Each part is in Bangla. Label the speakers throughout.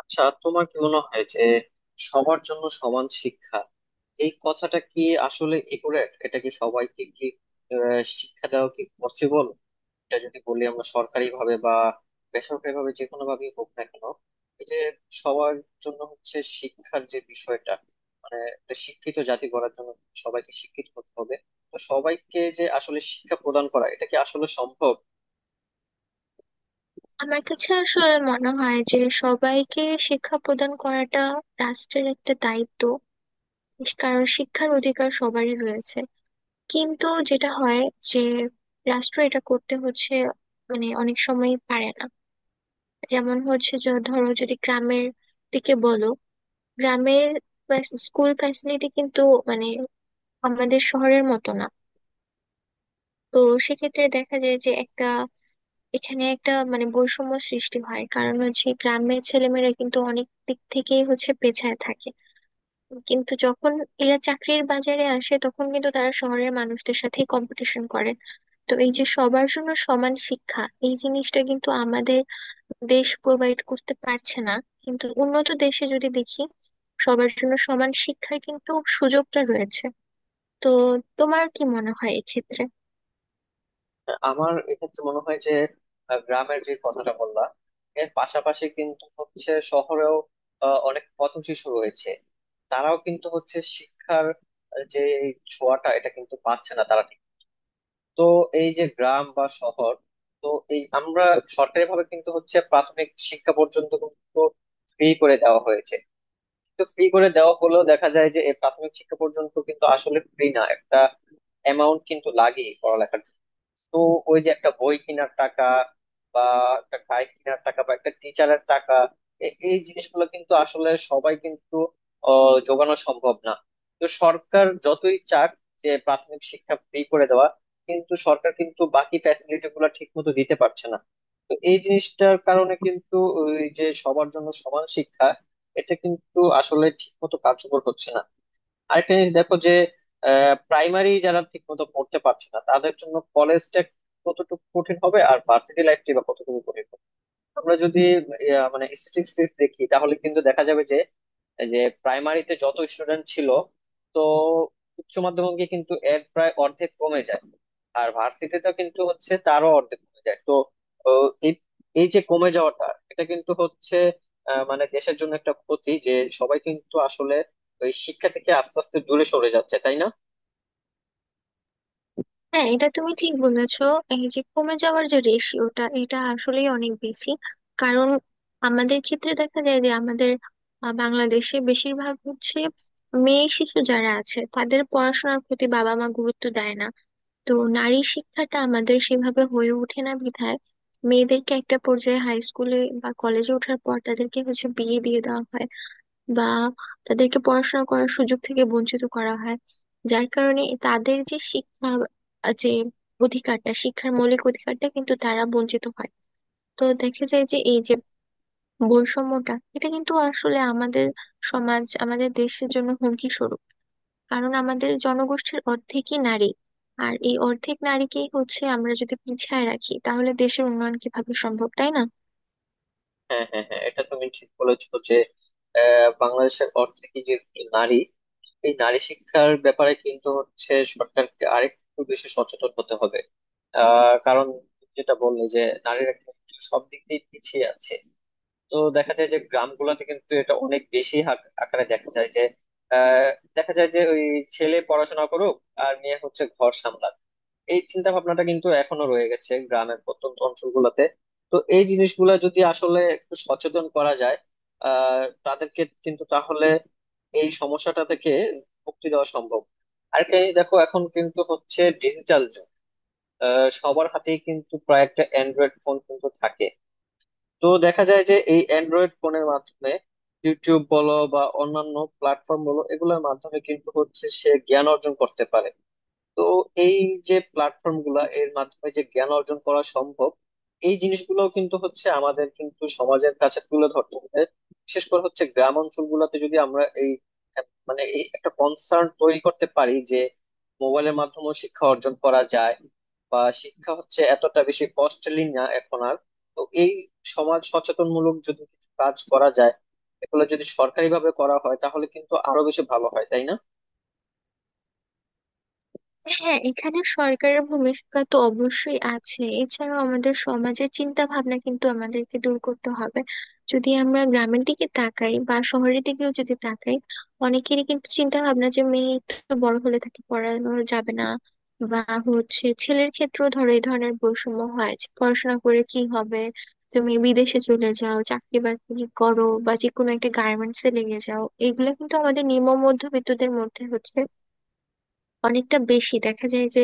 Speaker 1: আচ্ছা, তোমার কি মনে হয় যে সবার জন্য সমান শিক্ষা এই কথাটা কি আসলে একুরেট? এটা কি সবাইকে কি শিক্ষা দেওয়া কি পসিবল? এটা যদি বলি আমরা সরকারি ভাবে বা বেসরকারি ভাবে যে কোনো ভাবেই হোক না কেন, এই যে সবার জন্য হচ্ছে শিক্ষার যে বিষয়টা, মানে একটা শিক্ষিত জাতি গড়ার জন্য সবাইকে শিক্ষিত করতে হবে। তো সবাইকে যে আসলে শিক্ষা প্রদান করা, এটা কি আসলে সম্ভব?
Speaker 2: আমার কাছে আসলে মনে হয় যে সবাইকে শিক্ষা প্রদান করাটা রাষ্ট্রের একটা দায়িত্ব। কারণ শিক্ষার অধিকার সবারই রয়েছে, কিন্তু যেটা হয় যে রাষ্ট্র এটা করতে হচ্ছে, মানে অনেক সময় পারে না। যেমন হচ্ছে যে ধরো যদি গ্রামের দিকে বলো, গ্রামের স্কুল ফ্যাসিলিটি কিন্তু মানে আমাদের শহরের মতো না। তো সেক্ষেত্রে দেখা যায় যে একটা এখানে একটা মানে বৈষম্য সৃষ্টি হয়, কারণ হচ্ছে গ্রামের ছেলেমেয়েরা কিন্তু অনেক দিক থেকেই হচ্ছে পেছায় থাকে। কিন্তু যখন এরা চাকরির বাজারে আসে তখন কিন্তু তারা শহরের মানুষদের সাথে কম্পিটিশন করে। তো এই যে সবার জন্য সমান শিক্ষা, এই জিনিসটা কিন্তু আমাদের দেশ প্রোভাইড করতে পারছে না। কিন্তু উন্নত দেশে যদি দেখি, সবার জন্য সমান শিক্ষার কিন্তু সুযোগটা রয়েছে। তো তোমার কি মনে হয় এক্ষেত্রে?
Speaker 1: আমার এক্ষেত্রে মনে হয় যে গ্রামের যে কথাটা বললাম, এর পাশাপাশি কিন্তু হচ্ছে শহরেও অনেক পথ শিশু রয়েছে। তারাও কিন্তু হচ্ছে শিক্ষার যে ছোঁয়াটা এটা কিন্তু পাচ্ছে না তারা ঠিক। তো এই যে গ্রাম বা শহর, তো এই আমরা সরকারি ভাবে কিন্তু হচ্ছে প্রাথমিক শিক্ষা পর্যন্ত কিন্তু ফ্রি করে দেওয়া হয়েছে। তো ফ্রি করে দেওয়া হলেও দেখা যায় যে এই প্রাথমিক শিক্ষা পর্যন্ত কিন্তু আসলে ফ্রি না, একটা অ্যামাউন্ট কিন্তু লাগে পড়ালেখার। তো ওই যে একটা বই কেনার টাকা বা একটা গাই কেনার টাকা বা একটা টিচারের টাকা, এই জিনিসগুলো কিন্তু আসলে সবাই কিন্তু যোগানো সম্ভব না। তো সরকার যতই চাক যে প্রাথমিক শিক্ষা ফ্রি করে দেওয়া, কিন্তু সরকার কিন্তু বাকি ফ্যাসিলিটি গুলো ঠিক মতো দিতে পারছে না। তো এই জিনিসটার কারণে কিন্তু ওই যে সবার জন্য সমান শিক্ষা, এটা কিন্তু আসলে ঠিক মতো কার্যকর হচ্ছে না। আরেকটা জিনিস দেখো যে, প্রাইমারি যারা ঠিক মতো পড়তে পারছে না তাদের জন্য কলেজটা কতটুকু কঠিন হবে, আর ভার্সিটি লাইফটি বা কতটুকু কঠিন হবে। আমরা যদি মানে স্ট্যাটিস্টিক্স দেখি, তাহলে কিন্তু দেখা যাবে যে যে প্রাইমারিতে যত স্টুডেন্ট ছিল, তো উচ্চ মাধ্যমিকে কিন্তু এর প্রায় অর্ধেক কমে যায়, আর ভার্সিটিতে কিন্তু হচ্ছে তারও অর্ধেক কমে যায়। তো ও, এই এই যে কমে যাওয়াটা, এটা কিন্তু হচ্ছে মানে দেশের জন্য একটা ক্ষতি যে সবাই কিন্তু আসলে ওই শিক্ষা থেকে আস্তে আস্তে দূরে সরে যাচ্ছে, তাই না?
Speaker 2: হ্যাঁ, এটা তুমি ঠিক বলেছো। এই যে কমে যাওয়ার যে রেশিওটা এটা আসলেই অনেক বেশি। কারণ আমাদের ক্ষেত্রে দেখা যায় যে আমাদের বাংলাদেশে বেশিরভাগ হচ্ছে মেয়ে শিশু যারা আছে তাদের পড়াশোনার প্রতি বাবা মা গুরুত্ব দেয় না। তো নারী শিক্ষাটা আমাদের সেভাবে হয়ে ওঠে না বিধায় মেয়েদেরকে একটা পর্যায়ে হাই স্কুলে বা কলেজে ওঠার পর তাদেরকে হচ্ছে বিয়ে দিয়ে দেওয়া হয়, বা তাদেরকে পড়াশোনা করার সুযোগ থেকে বঞ্চিত করা হয়। যার কারণে তাদের যে শিক্ষা আহ, যে অধিকারটা, শিক্ষার মৌলিক অধিকারটা কিন্তু তারা বঞ্চিত হয়। তো দেখা যায় যে এই যে বৈষম্যটা এটা কিন্তু আসলে আমাদের সমাজ আমাদের দেশের জন্য হুমকি স্বরূপ। কারণ আমাদের জনগোষ্ঠীর অর্ধেকই নারী, আর এই অর্ধেক নারীকেই হচ্ছে আমরা যদি পিছায় রাখি তাহলে দেশের উন্নয়ন কিভাবে সম্ভব, তাই না?
Speaker 1: হ্যাঁ, হ্যাঁ, হ্যাঁ, এটা তুমি ঠিক বলেছো যে বাংলাদেশের অর্ধেকই যে নারী, এই নারী শিক্ষার ব্যাপারে কিন্তু হচ্ছে সরকারকে আরেকটু বেশি সচেতন হতে হবে। কারণ যেটা বললে যে নারীরা কিন্তু সব দিক দিয়ে পিছিয়ে আছে। তো দেখা যায় যে গ্রামগুলোতে কিন্তু এটা অনেক বেশি আকারে দেখা যায় যে আহ, দেখা যায় যে ওই ছেলে পড়াশোনা করুক, আর মেয়ে হচ্ছে ঘর সামলাক, এই চিন্তা ভাবনাটা কিন্তু এখনো রয়ে গেছে গ্রামের প্রত্যন্ত অঞ্চলগুলোতে। তো এই জিনিসগুলো যদি আসলে একটু সচেতন করা যায় তাদেরকে, কিন্তু তাহলে এই সমস্যাটা থেকে মুক্তি দেওয়া সম্ভব। আর কি দেখো, এখন কিন্তু হচ্ছে ডিজিটাল যুগ। সবার হাতেই কিন্তু প্রায় একটা অ্যান্ড্রয়েড ফোন কিন্তু থাকে। তো দেখা যায় যে এই অ্যান্ড্রয়েড ফোনের মাধ্যমে ইউটিউব বলো বা অন্যান্য প্ল্যাটফর্ম বলো, এগুলোর মাধ্যমে কিন্তু হচ্ছে সে জ্ঞান অর্জন করতে পারে। তো এই যে প্ল্যাটফর্ম গুলা, এর মাধ্যমে যে জ্ঞান অর্জন করা সম্ভব, এই জিনিসগুলো কিন্তু হচ্ছে আমাদের কিন্তু সমাজের কাছে তুলে ধরতে হবে। বিশেষ করে হচ্ছে গ্রাম অঞ্চল গুলাতে যদি আমরা এই মানে এই একটা কনসার্ন তৈরি করতে পারি যে মোবাইলের মাধ্যমে শিক্ষা অর্জন করা যায়, বা শিক্ষা হচ্ছে এতটা বেশি কস্টলি না এখন আর। তো এই সমাজ সচেতনমূলক যদি কিছু কাজ করা যায়, এগুলো যদি সরকারি ভাবে করা হয় তাহলে কিন্তু আরো বেশি ভালো হয়, তাই না?
Speaker 2: হ্যাঁ, এখানে সরকারের ভূমিকা তো অবশ্যই আছে, এছাড়াও আমাদের সমাজের চিন্তা ভাবনা কিন্তু আমাদেরকে দূর করতে হবে। যদি আমরা গ্রামের দিকে তাকাই বা শহরের দিকেও যদি তাকাই, অনেকেরই কিন্তু চিন্তা ভাবনা যে মেয়ে তো বড় হলে তাকে পড়ানো যাবে না। বা হচ্ছে ছেলের ক্ষেত্রেও ধরো এই ধরনের বৈষম্য হয় যে পড়াশোনা করে কি হবে, তুমি বিদেশে চলে যাও চাকরি বাকরি করো বা যে কোনো একটা গার্মেন্টস এ লেগে যাও। এগুলো কিন্তু আমাদের নিম্ন মধ্যবিত্তদের মধ্যে হচ্ছে অনেকটা বেশি দেখা যায় যে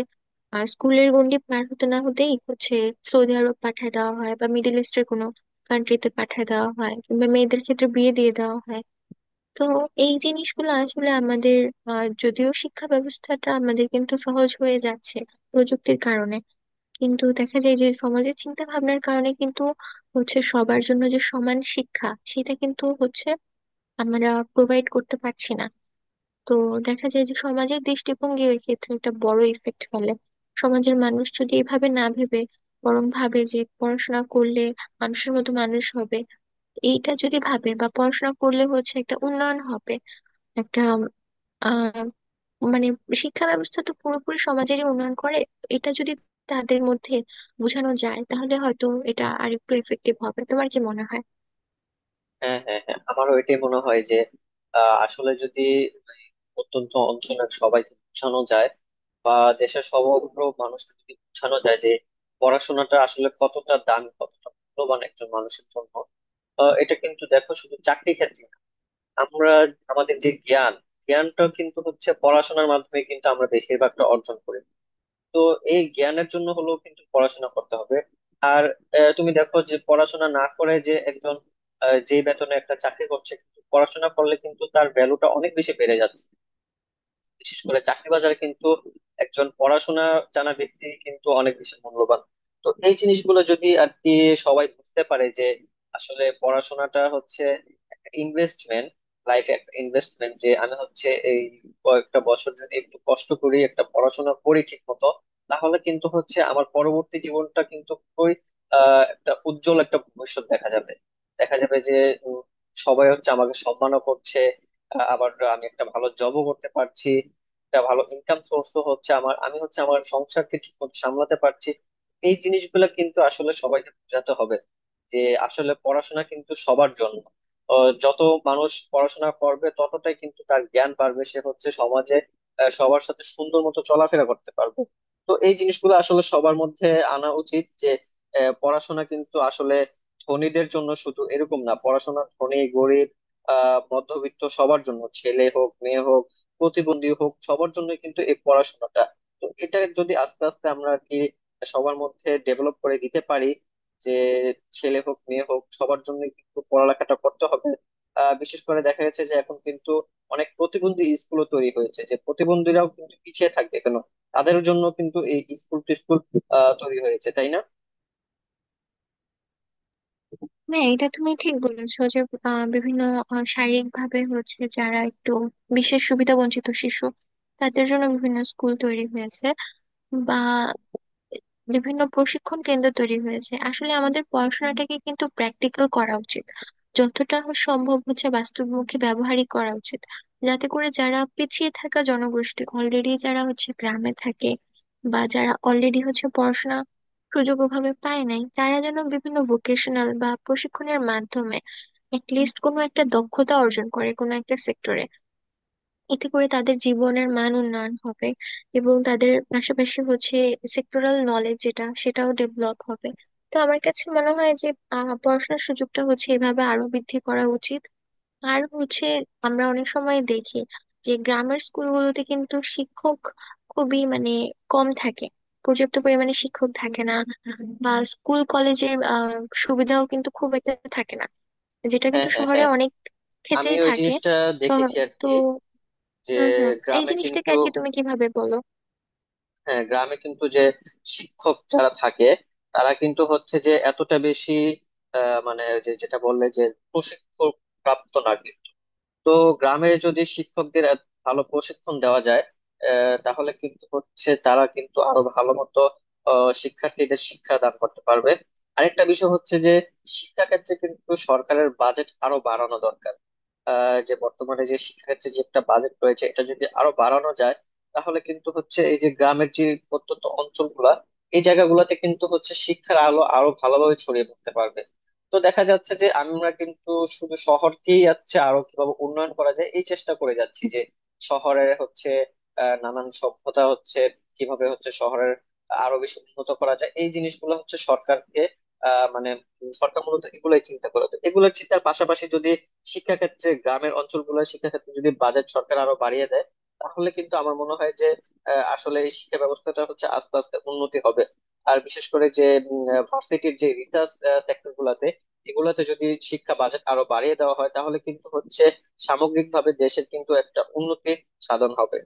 Speaker 2: স্কুলের গণ্ডি পার হতে না হতেই হচ্ছে সৌদি আরব পাঠায় দেওয়া হয় বা মিডল ইস্টের কোনো কান্ট্রিতে পাঠায় দেওয়া হয় কিংবা মেয়েদের ক্ষেত্রে বিয়ে দিয়ে দেওয়া হয়। তো এই জিনিসগুলো আসলে আমাদের যদিও শিক্ষা ব্যবস্থাটা আমাদের কিন্তু সহজ হয়ে যাচ্ছে প্রযুক্তির কারণে, কিন্তু দেখা যায় যে সমাজের চিন্তা ভাবনার কারণে কিন্তু হচ্ছে সবার জন্য যে সমান শিক্ষা সেটা কিন্তু হচ্ছে আমরা প্রোভাইড করতে পারছি না। তো দেখা যায় যে সমাজের দৃষ্টিভঙ্গি ওই ক্ষেত্রে একটা বড় ইফেক্ট ফেলে। সমাজের মানুষ যদি এভাবে না ভেবে বরং ভাবে যে পড়াশোনা করলে মানুষের মতো মানুষ হবে, এইটা যদি ভাবে, বা পড়াশোনা করলে হচ্ছে একটা উন্নয়ন হবে, একটা আহ মানে শিক্ষা ব্যবস্থা তো পুরোপুরি সমাজেরই উন্নয়ন করে, এটা যদি তাদের মধ্যে বোঝানো যায় তাহলে হয়তো এটা আরেকটু এফেক্টিভ হবে। তোমার কি মনে হয়?
Speaker 1: হ্যাঁ, হ্যাঁ, হ্যাঁ, আমারও এটাই মনে হয় যে আসলে যদি অত্যন্ত অঞ্চলের সবাইকে বোঝানো যায়, বা দেশের সমগ্র মানুষকে যদি বোঝানো যায় যে পড়াশোনাটা আসলে কতটা দামি কতটা মূল্যবান একজন মানুষের জন্য। এটা কিন্তু দেখো শুধু চাকরি ক্ষেত্রে না। আমরা আমাদের যে জ্ঞানটা কিন্তু হচ্ছে পড়াশোনার মাধ্যমে কিন্তু আমরা বেশিরভাগটা অর্জন করি। তো এই জ্ঞানের জন্য হলো কিন্তু পড়াশোনা করতে হবে। আর তুমি দেখো যে পড়াশোনা না করে যে একজন যে বেতনে একটা চাকরি করছে, কিন্তু পড়াশোনা করলে কিন্তু তার ভ্যালুটা অনেক বেশি বেড়ে যাচ্ছে। বিশেষ করে চাকরি বাজারে কিন্তু একজন পড়াশোনা জানা ব্যক্তি কিন্তু অনেক বেশি মূল্যবান। তো এই জিনিসগুলো যদি আর কি সবাই বুঝতে পারে যে আসলে পড়াশোনাটা হচ্ছে একটা ইনভেস্টমেন্ট, লাইফে একটা ইনভেস্টমেন্ট যে আমি হচ্ছে এই কয়েকটা বছর যদি একটু কষ্ট করি, একটা পড়াশোনা করি ঠিক মতো, তাহলে কিন্তু হচ্ছে আমার পরবর্তী জীবনটা কিন্তু খুবই একটা উজ্জ্বল একটা ভবিষ্যৎ দেখা যাবে। দেখা যাবে যে উম, সবাই হচ্ছে আমাকে সম্মানও করছে, আবার আমি একটা ভালো জবও করতে পারছি, একটা ভালো ইনকাম সোর্স হচ্ছে আমার, আমি হচ্ছে আমার সংসারকে ঠিক মতো সামলাতে পারছি। এই জিনিসগুলো কিন্তু আসলে সবাইকে বোঝাতে হবে যে আসলে পড়াশোনা কিন্তু সবার জন্য। যত মানুষ পড়াশোনা করবে ততটাই কিন্তু তার জ্ঞান বাড়বে, সে হচ্ছে সমাজে সবার সাথে সুন্দর মতো চলাফেরা করতে পারবে। তো এই জিনিসগুলো আসলে সবার মধ্যে আনা উচিত যে পড়াশোনা কিন্তু আসলে ধনীদের জন্য শুধু এরকম না, পড়াশোনা ধনী গরিব মধ্যবিত্ত সবার জন্য, ছেলে হোক মেয়ে হোক প্রতিবন্ধী হোক সবার জন্য কিন্তু এই পড়াশোনাটা। তো এটা যদি আস্তে আস্তে আমরা আর কি সবার মধ্যে ডেভেলপ করে দিতে পারি যে ছেলে হোক মেয়ে হোক সবার জন্য কিন্তু পড়ালেখাটা করতে হবে। বিশেষ করে দেখা যাচ্ছে যে এখন কিন্তু অনেক প্রতিবন্ধী স্কুলও তৈরি হয়েছে, যে প্রতিবন্ধীরাও কিন্তু পিছিয়ে থাকবে কেন? তাদের জন্য কিন্তু এই স্কুল টিস্কুল তৈরি হয়েছে, তাই না?
Speaker 2: হ্যাঁ, এটা তুমি ঠিক বলেছো যে বিভিন্ন শারীরিক ভাবে হচ্ছে যারা একটু বিশেষ সুবিধা বঞ্চিত শিশু, তাদের জন্য বিভিন্ন স্কুল তৈরি হয়েছে বা বিভিন্ন প্রশিক্ষণ কেন্দ্র তৈরি হয়েছে। আসলে আমাদের পড়াশোনাটাকে কিন্তু প্র্যাকটিক্যাল করা উচিত, যতটা সম্ভব হচ্ছে বাস্তবমুখী ব্যবহারই করা উচিত। যাতে করে যারা পিছিয়ে থাকা জনগোষ্ঠী অলরেডি যারা হচ্ছে গ্রামে থাকে বা যারা অলরেডি হচ্ছে পড়াশোনা সুযোগ ওভাবে পায় নাই, তারা যেন বিভিন্ন ভোকেশনাল বা প্রশিক্ষণের মাধ্যমে লিস্ট কোনো একটা দক্ষতা অর্জন করে কোনো একটা সেক্টরে। এতে করে তাদের জীবনের মান উন্নয়ন হবে, এবং তাদের পাশাপাশি হচ্ছে সেক্টরাল নলেজ যেটা সেটাও ডেভেলপ হবে। তো আমার কাছে মনে হয় যে পড়াশোনার সুযোগটা হচ্ছে এভাবে আরো বৃদ্ধি করা উচিত। আর হচ্ছে আমরা অনেক সময় দেখি যে গ্রামের স্কুলগুলোতে কিন্তু শিক্ষক খুবই মানে কম থাকে, পর্যাপ্ত পরিমাণে শিক্ষক থাকে না, বা স্কুল কলেজের সুবিধাও কিন্তু খুব একটা থাকে না, যেটা
Speaker 1: হ্যাঁ,
Speaker 2: কিন্তু
Speaker 1: হ্যাঁ,
Speaker 2: শহরে
Speaker 1: হ্যাঁ,
Speaker 2: অনেক
Speaker 1: আমি
Speaker 2: ক্ষেত্রেই
Speaker 1: ওই
Speaker 2: থাকে।
Speaker 1: জিনিসটা
Speaker 2: শহর
Speaker 1: দেখেছি আর
Speaker 2: তো।
Speaker 1: কি যে
Speaker 2: হুম, হুম। এই
Speaker 1: গ্রামে
Speaker 2: জিনিসটাকে
Speaker 1: কিন্তু,
Speaker 2: আর কি তুমি কিভাবে বলো?
Speaker 1: হ্যাঁ গ্রামে কিন্তু যে শিক্ষক যারা থাকে তারা কিন্তু হচ্ছে যে এতটা বেশি মানে যে যেটা বললে যে প্রশিক্ষণ প্রাপ্ত না কিন্তু। তো গ্রামে যদি শিক্ষকদের এত ভালো প্রশিক্ষণ দেওয়া যায়, তাহলে কিন্তু হচ্ছে তারা কিন্তু আরো ভালো মতো শিক্ষার্থীদের শিক্ষা দান করতে পারবে। আরেকটা বিষয় হচ্ছে যে শিক্ষাক্ষেত্রে কিন্তু সরকারের বাজেট আরো বাড়ানো দরকার। যে বর্তমানে যে শিক্ষাক্ষেত্রে যে একটা বাজেট রয়েছে, এটা যদি আরো বাড়ানো যায়, তাহলে কিন্তু হচ্ছে এই যে গ্রামের যে প্রত্যন্ত অঞ্চলগুলা, এই জায়গাগুলোতে কিন্তু হচ্ছে শিক্ষার আলো আরো ভালোভাবে ছড়িয়ে পড়তে পারবে। তো দেখা যাচ্ছে যে আমরা কিন্তু শুধু শহরকেই যাচ্ছে আরো কিভাবে উন্নয়ন করা যায় এই চেষ্টা করে যাচ্ছি, যে শহরের হচ্ছে নানান সভ্যতা হচ্ছে, কিভাবে হচ্ছে শহরের আরো বেশি উন্নত করা যায় এই জিনিসগুলো হচ্ছে সরকারকে, মানে সরকার মূলত এগুলোই চিন্তা করে। তো এগুলোর চিন্তার পাশাপাশি যদি শিক্ষাক্ষেত্রে, গ্রামের অঞ্চলগুলোর শিক্ষাক্ষেত্রে যদি বাজেট সরকার আরো বাড়িয়ে দেয়, তাহলে কিন্তু আমার মনে হয় যে আসলে এই শিক্ষা ব্যবস্থাটা হচ্ছে আস্তে আস্তে উন্নতি হবে। আর বিশেষ করে যে ভার্সিটির যে রিসার্চ সেক্টর গুলাতে, এগুলাতে যদি শিক্ষা বাজেট আরো বাড়িয়ে দেওয়া হয়, তাহলে কিন্তু হচ্ছে সামগ্রিকভাবে দেশের কিন্তু একটা উন্নতি সাধন হবে।